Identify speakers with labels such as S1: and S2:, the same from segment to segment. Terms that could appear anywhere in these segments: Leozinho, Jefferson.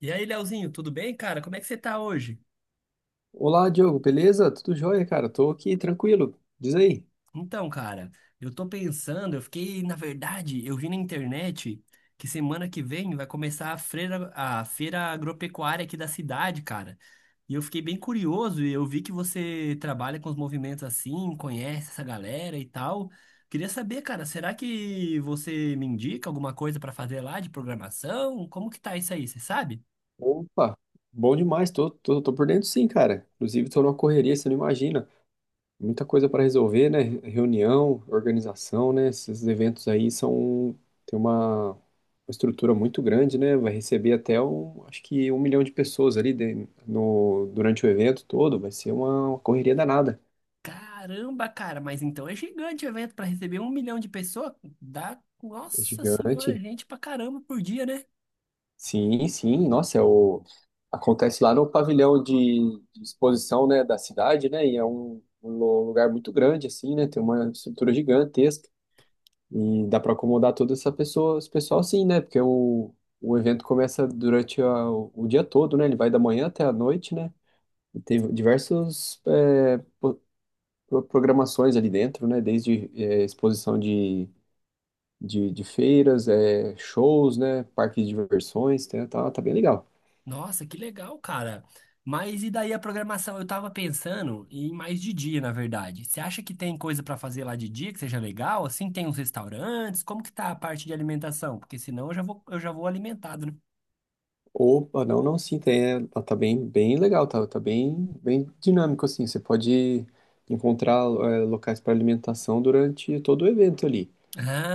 S1: E aí, Leozinho, tudo bem, cara? Como é que você tá hoje?
S2: Olá, Diogo, beleza? Tudo jóia, cara? Tô aqui tranquilo. Diz aí.
S1: Então, cara, eu tô pensando, eu fiquei, na verdade, eu vi na internet que semana que vem vai começar a feira agropecuária aqui da cidade, cara. E eu fiquei bem curioso e eu vi que você trabalha com os movimentos assim, conhece essa galera e tal. Queria saber, cara, será que você me indica alguma coisa pra fazer lá de programação? Como que tá isso aí, você sabe?
S2: Opa, bom demais. Tô por dentro sim, cara. Inclusive, tô numa correria, você não imagina. Muita coisa para resolver, né? Reunião, organização, né? Esses eventos aí são. Tem uma estrutura muito grande, né? Vai receber até acho que 1 milhão de pessoas ali no, durante o evento todo. Vai ser uma correria danada.
S1: Caramba, cara, mas então é gigante o evento para receber um milhão de pessoas. Dá,
S2: É
S1: nossa senhora,
S2: gigante.
S1: gente pra caramba por dia, né?
S2: Sim, sim, nossa, acontece lá no pavilhão de exposição, né, da cidade, né, e é um, um lugar muito grande, assim, né, tem uma estrutura gigantesca, e dá para acomodar toda essa pessoa, esse pessoal, sim, né, porque o evento começa durante o dia todo, né, ele vai da manhã até a noite, né, e tem diversas programações ali dentro, né, desde exposição de feiras, é, shows, né, parques de diversões, tá, tá bem legal.
S1: Nossa, que legal, cara. Mas e daí a programação? Eu tava pensando em mais de dia, na verdade. Você acha que tem coisa pra fazer lá de dia que seja legal? Assim, tem uns restaurantes? Como que tá a parte de alimentação? Porque senão eu já vou alimentado, né?
S2: Opa, não, não, sim, tem, é, tá bem, bem legal, tá, tá bem, bem dinâmico, assim, você pode encontrar é, locais para alimentação durante todo o evento ali,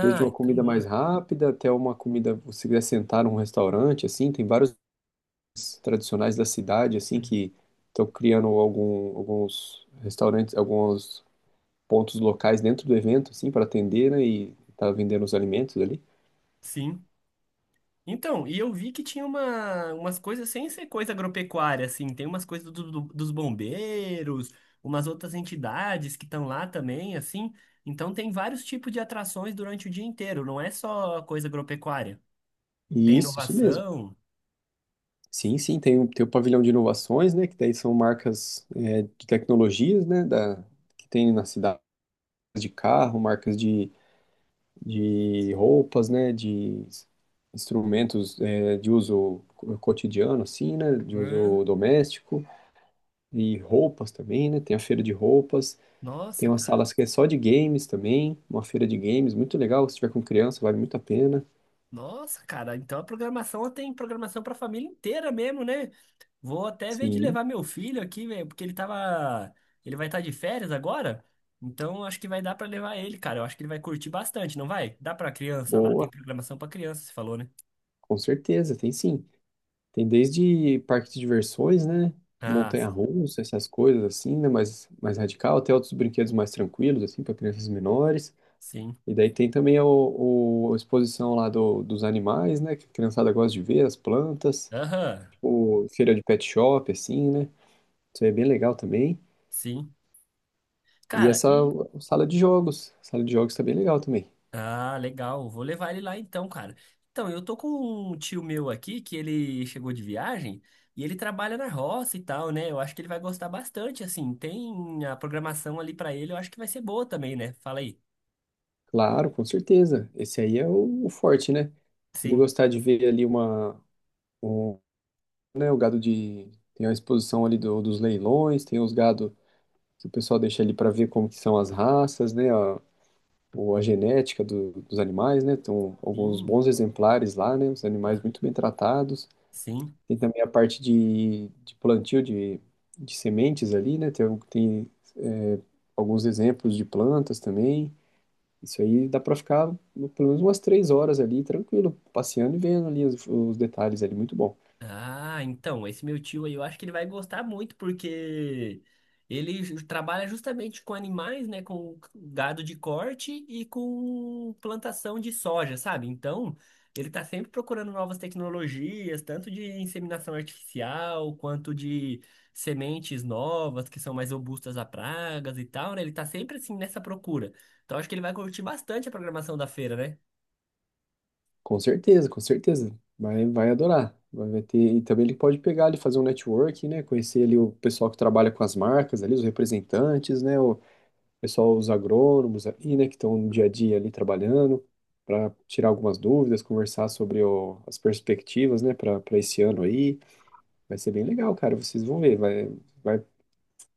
S2: desde uma
S1: então
S2: comida
S1: boa.
S2: mais rápida até uma comida, se quiser sentar num restaurante, assim, tem vários tradicionais da cidade, assim, que estão criando alguns restaurantes, alguns pontos locais dentro do evento, assim, para atender, né, e tá vendendo os alimentos ali,
S1: Sim. Então, e eu vi que tinha umas coisas sem ser coisa agropecuária, assim, tem umas coisas dos bombeiros, umas outras entidades que estão lá também, assim. Então tem vários tipos de atrações durante o dia inteiro, não é só coisa agropecuária. Tem
S2: e isso mesmo.
S1: inovação.
S2: Sim, sim, tem o, tem o pavilhão de inovações, né, que daí são marcas é, de tecnologias, né, da, que tem na cidade de carro, marcas de roupas, né, de instrumentos é, de uso cotidiano, assim, né, de
S1: Né?
S2: uso doméstico, e roupas também, né, tem a feira de roupas, tem
S1: Nossa,
S2: uma sala
S1: cara.
S2: que é só de games também, uma feira de games, muito legal, se tiver com criança, vale muito a pena.
S1: Nossa, cara, então a programação ela tem programação para família inteira mesmo, né? Vou até ver de
S2: Sim,
S1: levar meu filho aqui, velho, ele vai estar de férias agora. Então acho que vai dar para levar ele, cara. Eu acho que ele vai curtir bastante, não vai? Dá para criança lá, tem
S2: boa,
S1: programação para criança, você falou, né?
S2: com certeza, tem sim. Tem desde parque de diversões, né?
S1: Ah,
S2: Montanha-russa, essas coisas assim, né? Mais radical, até outros brinquedos mais tranquilos, assim, para crianças menores.
S1: sim.
S2: E daí tem também a exposição lá do, dos animais, né? Que a criançada gosta de ver, as plantas,
S1: Aham.
S2: tipo, feira de pet shop, assim, né? Isso aí é bem legal também.
S1: Sim.
S2: E
S1: Cara,
S2: essa
S1: e
S2: sala de jogos. A sala de jogos tá bem legal também.
S1: Ah, legal. Vou levar ele lá então, cara. Então, eu tô com um tio meu aqui que ele chegou de viagem e ele trabalha na roça e tal, né? Eu acho que ele vai gostar bastante, assim. Tem a programação ali pra ele, eu acho que vai ser boa também, né? Fala aí.
S2: Claro, com certeza. Esse aí é o forte, né? Se ele
S1: Sim,
S2: gostar de ver ali uma. Um, né? O gado de. Tem a exposição ali dos leilões, tem os gado que o pessoal deixa ali para ver como que são as raças, né? A, ou a genética dos animais, né? Alguns
S1: sim,
S2: bons exemplares lá, né? Os animais
S1: ah,
S2: muito bem tratados.
S1: sim.
S2: Tem também a parte de plantio de sementes ali, né? Tem é, alguns exemplos de plantas também. Isso aí dá para ficar pelo menos umas 3 horas ali, tranquilo, passeando e vendo ali os detalhes ali, muito bom.
S1: Ah, então, esse meu tio aí, eu acho que ele vai gostar muito, porque trabalha justamente com animais, né? Com gado de corte e com plantação de soja, sabe? Então, ele tá sempre procurando novas tecnologias, tanto de inseminação artificial, quanto de sementes novas, que são mais robustas a pragas e tal, né? Ele tá sempre, assim, nessa procura. Então, acho que ele vai curtir bastante a programação da feira, né?
S2: Com certeza, com certeza. Vai adorar. Vai ter, e também ele pode pegar ali, fazer um networking, né? Conhecer ali o pessoal que trabalha com as marcas ali, os representantes, né? O pessoal, os agrônomos ali, né? Que estão no dia a dia ali trabalhando, para tirar algumas dúvidas, conversar sobre as perspectivas, né? Para esse ano aí. Vai ser bem legal, cara. Vocês vão ver. Vai, vai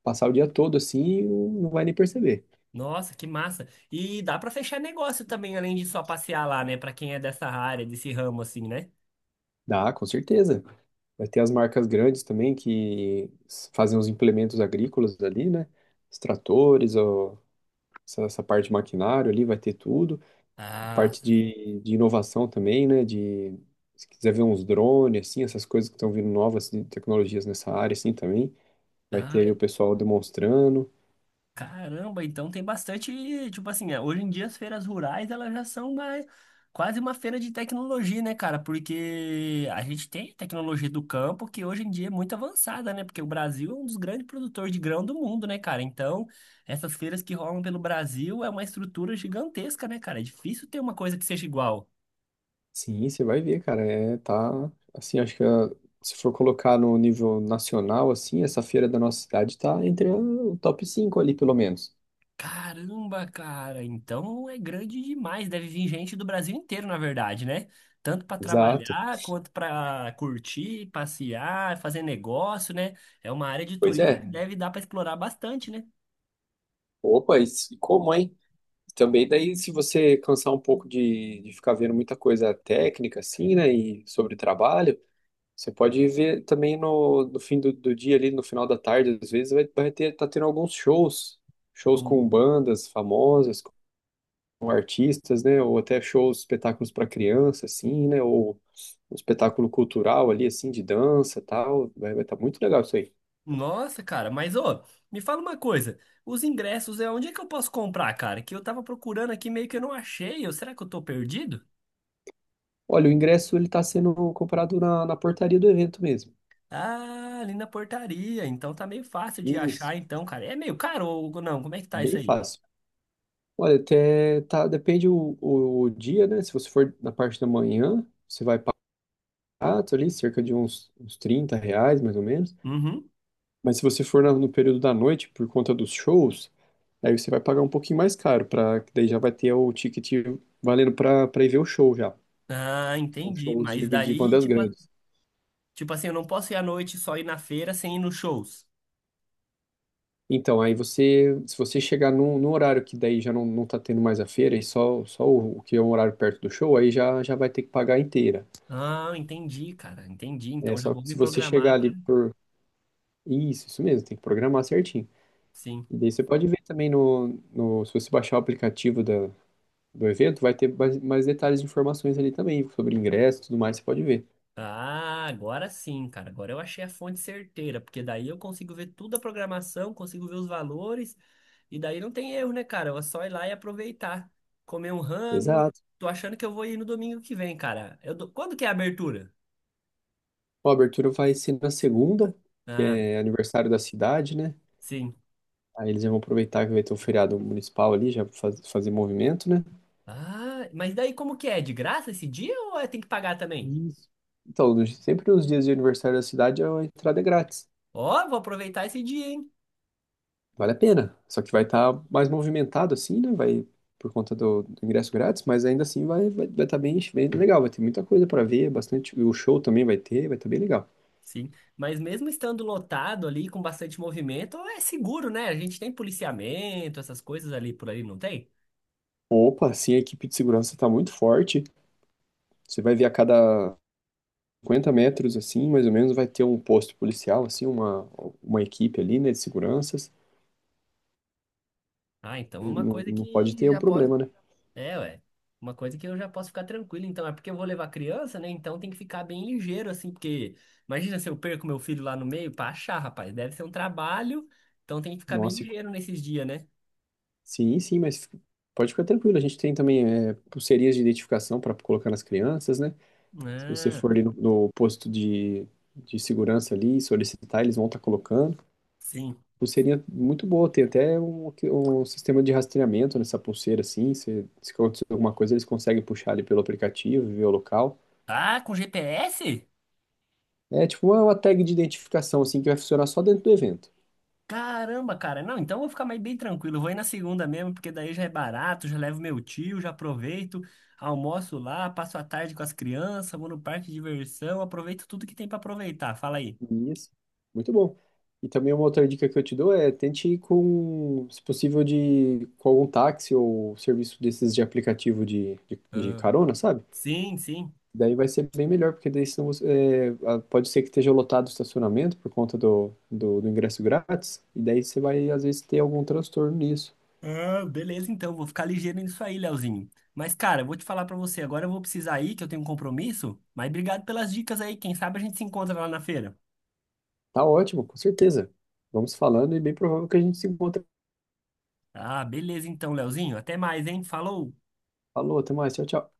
S2: passar o dia todo assim e não vai nem perceber.
S1: Nossa, que massa. E dá pra fechar negócio também, além de só passear lá, né? Pra quem é dessa área, desse ramo, assim, né?
S2: Dá, com certeza. Vai ter as marcas grandes também que fazem os implementos agrícolas ali, né? Os tratores, ó, essa parte de maquinário ali vai ter tudo. A
S1: Ah,
S2: parte de inovação também, né? De, se quiser ver uns drones, assim, essas coisas que estão vindo novas de tecnologias nessa área, assim, também. Vai ter ali
S1: ai,
S2: o pessoal demonstrando.
S1: caramba, então tem bastante, tipo assim, hoje em dia as feiras rurais, elas já são mais, quase uma feira de tecnologia, né, cara? Porque a gente tem tecnologia do campo, que hoje em dia é muito avançada, né? Porque o Brasil é um dos grandes produtores de grão do mundo, né, cara? Então, essas feiras que rolam pelo Brasil é uma estrutura gigantesca, né, cara? É difícil ter uma coisa que seja igual.
S2: Sim, você vai ver, cara. É, tá, assim, acho que se for colocar no nível nacional, assim, essa feira da nossa cidade tá entre o top 5 ali, pelo menos.
S1: Caramba, cara, então é grande demais. Deve vir gente do Brasil inteiro, na verdade, né? Tanto para
S2: Exato.
S1: trabalhar quanto para curtir, passear, fazer negócio, né? É uma área de
S2: Pois
S1: turismo
S2: é,
S1: que deve dar para explorar bastante, né?
S2: opa, e como, hein? Também daí, se você cansar um pouco de ficar vendo muita coisa técnica, assim, né, e sobre trabalho, você pode ver também no fim do dia ali, no final da tarde, às vezes, vai ter, tá tendo alguns shows, shows
S1: Ô,
S2: com bandas famosas, com artistas, né, ou até shows, espetáculos para criança, assim, né, ou um espetáculo cultural ali, assim, de dança, tal, vai tá muito legal isso aí.
S1: nossa, cara, mas ô, me fala uma coisa. Os ingressos, é onde é que eu posso comprar, cara? Que eu tava procurando aqui, meio que eu não achei. Ou será que eu tô perdido?
S2: Olha, o ingresso, ele tá sendo comprado na portaria do evento mesmo.
S1: Ah, ali na portaria. Então tá meio fácil de
S2: Isso,
S1: achar, então, cara. É meio caro ou não? Como é que tá isso
S2: bem
S1: aí?
S2: fácil. Olha, até tá, depende o dia, né? Se você for na parte da manhã, você vai pagar ali cerca de uns R$ 30, mais ou menos.
S1: Uhum.
S2: Mas se você for no período da noite, por conta dos shows, aí você vai pagar um pouquinho mais caro, pra, que daí já vai ter o ticket valendo para ir ver o show já.
S1: Ah,
S2: São
S1: entendi.
S2: shows
S1: Mas
S2: de
S1: daí,
S2: bandas
S1: tipo,
S2: grandes.
S1: tipo assim, eu não posso ir à noite só ir na feira sem ir nos shows.
S2: Então, aí você, se você chegar num, num horário que daí já não, não tá tendo mais a feira e só, só o que é um horário perto do show, aí já, já vai ter que pagar inteira.
S1: Ah, entendi, cara. Entendi.
S2: É,
S1: Então já
S2: só que
S1: vou me
S2: se você chegar
S1: programar pra...
S2: ali por. Isso mesmo, tem que programar certinho.
S1: Sim.
S2: E daí você pode ver também se você baixar o aplicativo da, do evento, vai ter mais, mais detalhes de informações ali também, sobre ingresso e tudo mais, você pode ver.
S1: Ah, agora sim, cara. Agora eu achei a fonte certeira, porque daí eu consigo ver toda a programação, consigo ver os valores, e daí não tem erro, né, cara? É só ir lá e aproveitar. Comer um rango.
S2: Exato.
S1: Tô achando que eu vou ir no domingo que vem, cara. Quando que é a abertura?
S2: Ó, a abertura vai ser na segunda, que
S1: Ah,
S2: é aniversário da cidade, né?
S1: sim.
S2: Aí eles já vão aproveitar que vai ter o feriado municipal ali, fazer movimento, né?
S1: Ah, mas daí como que é? De graça esse dia ou tem que pagar também?
S2: Isso. Então, sempre nos dias de aniversário da cidade, a entrada é grátis.
S1: Ó, vou aproveitar esse dia, hein?
S2: Vale a pena. Só que vai estar mais movimentado assim, né? Vai por conta do ingresso grátis, mas ainda assim vai estar bem, bem legal. Vai ter muita coisa para ver, bastante. O show também vai ter, vai estar bem legal.
S1: Sim, mas mesmo estando lotado ali, com bastante movimento, é seguro, né? A gente tem policiamento, essas coisas ali por ali, não tem?
S2: Opa, assim, a equipe de segurança está muito forte. Você vai ver a cada 50 metros, assim, mais ou menos, vai ter um posto policial, assim, uma equipe ali, né, de seguranças.
S1: Ah, então é uma
S2: Não,
S1: coisa
S2: não pode
S1: que
S2: ter um
S1: já posso.
S2: problema, né?
S1: É, ué. Uma coisa que eu já posso ficar tranquilo, então. É porque eu vou levar criança, né? Então tem que ficar bem ligeiro, assim, porque imagina se eu perco meu filho lá no meio pra achar, rapaz. Deve ser um trabalho, então tem que ficar bem
S2: Nossa, e-
S1: ligeiro nesses dias, né?
S2: sim, sim, mas pode ficar tranquilo. A gente tem também é, pulseirinhas de identificação para colocar nas crianças, né? Se você for
S1: Ah,
S2: ali no posto de segurança ali e solicitar, eles vão estar colocando.
S1: sim.
S2: Pulseirinha muito boa, tem até um, um sistema de rastreamento nessa pulseira, assim. Se acontecer alguma coisa, eles conseguem puxar ali pelo aplicativo, ver o local.
S1: Ah, com GPS?
S2: É tipo uma tag de identificação, assim, que vai funcionar só dentro do evento.
S1: Caramba, cara. Não, então eu vou ficar mais bem tranquilo. Eu vou ir na segunda mesmo, porque daí já é barato, já levo meu tio, já aproveito, almoço lá, passo a tarde com as crianças, vou no parque de diversão, aproveito tudo que tem pra aproveitar. Fala aí.
S2: Isso. Muito bom. E também uma outra dica que eu te dou é tente ir com, se possível, de, com algum táxi ou serviço desses de aplicativo de
S1: Ah,
S2: carona, sabe?
S1: sim, sim.
S2: Daí vai ser bem melhor, porque daí senão, você- é, pode ser que esteja lotado o estacionamento por conta do ingresso grátis, e daí você vai, às vezes, ter algum transtorno nisso.
S1: Ah, beleza, então, vou ficar ligeiro nisso aí, Leozinho. Mas, cara, eu vou te falar pra você, agora eu vou precisar ir, que eu tenho um compromisso, mas obrigado pelas dicas aí, quem sabe a gente se encontra lá na feira.
S2: Tá ótimo, com certeza. Vamos falando e bem provável que a gente se encontre.
S1: Ah, beleza então, Leozinho, até mais, hein? Falou!
S2: Falou, até mais, tchau, tchau.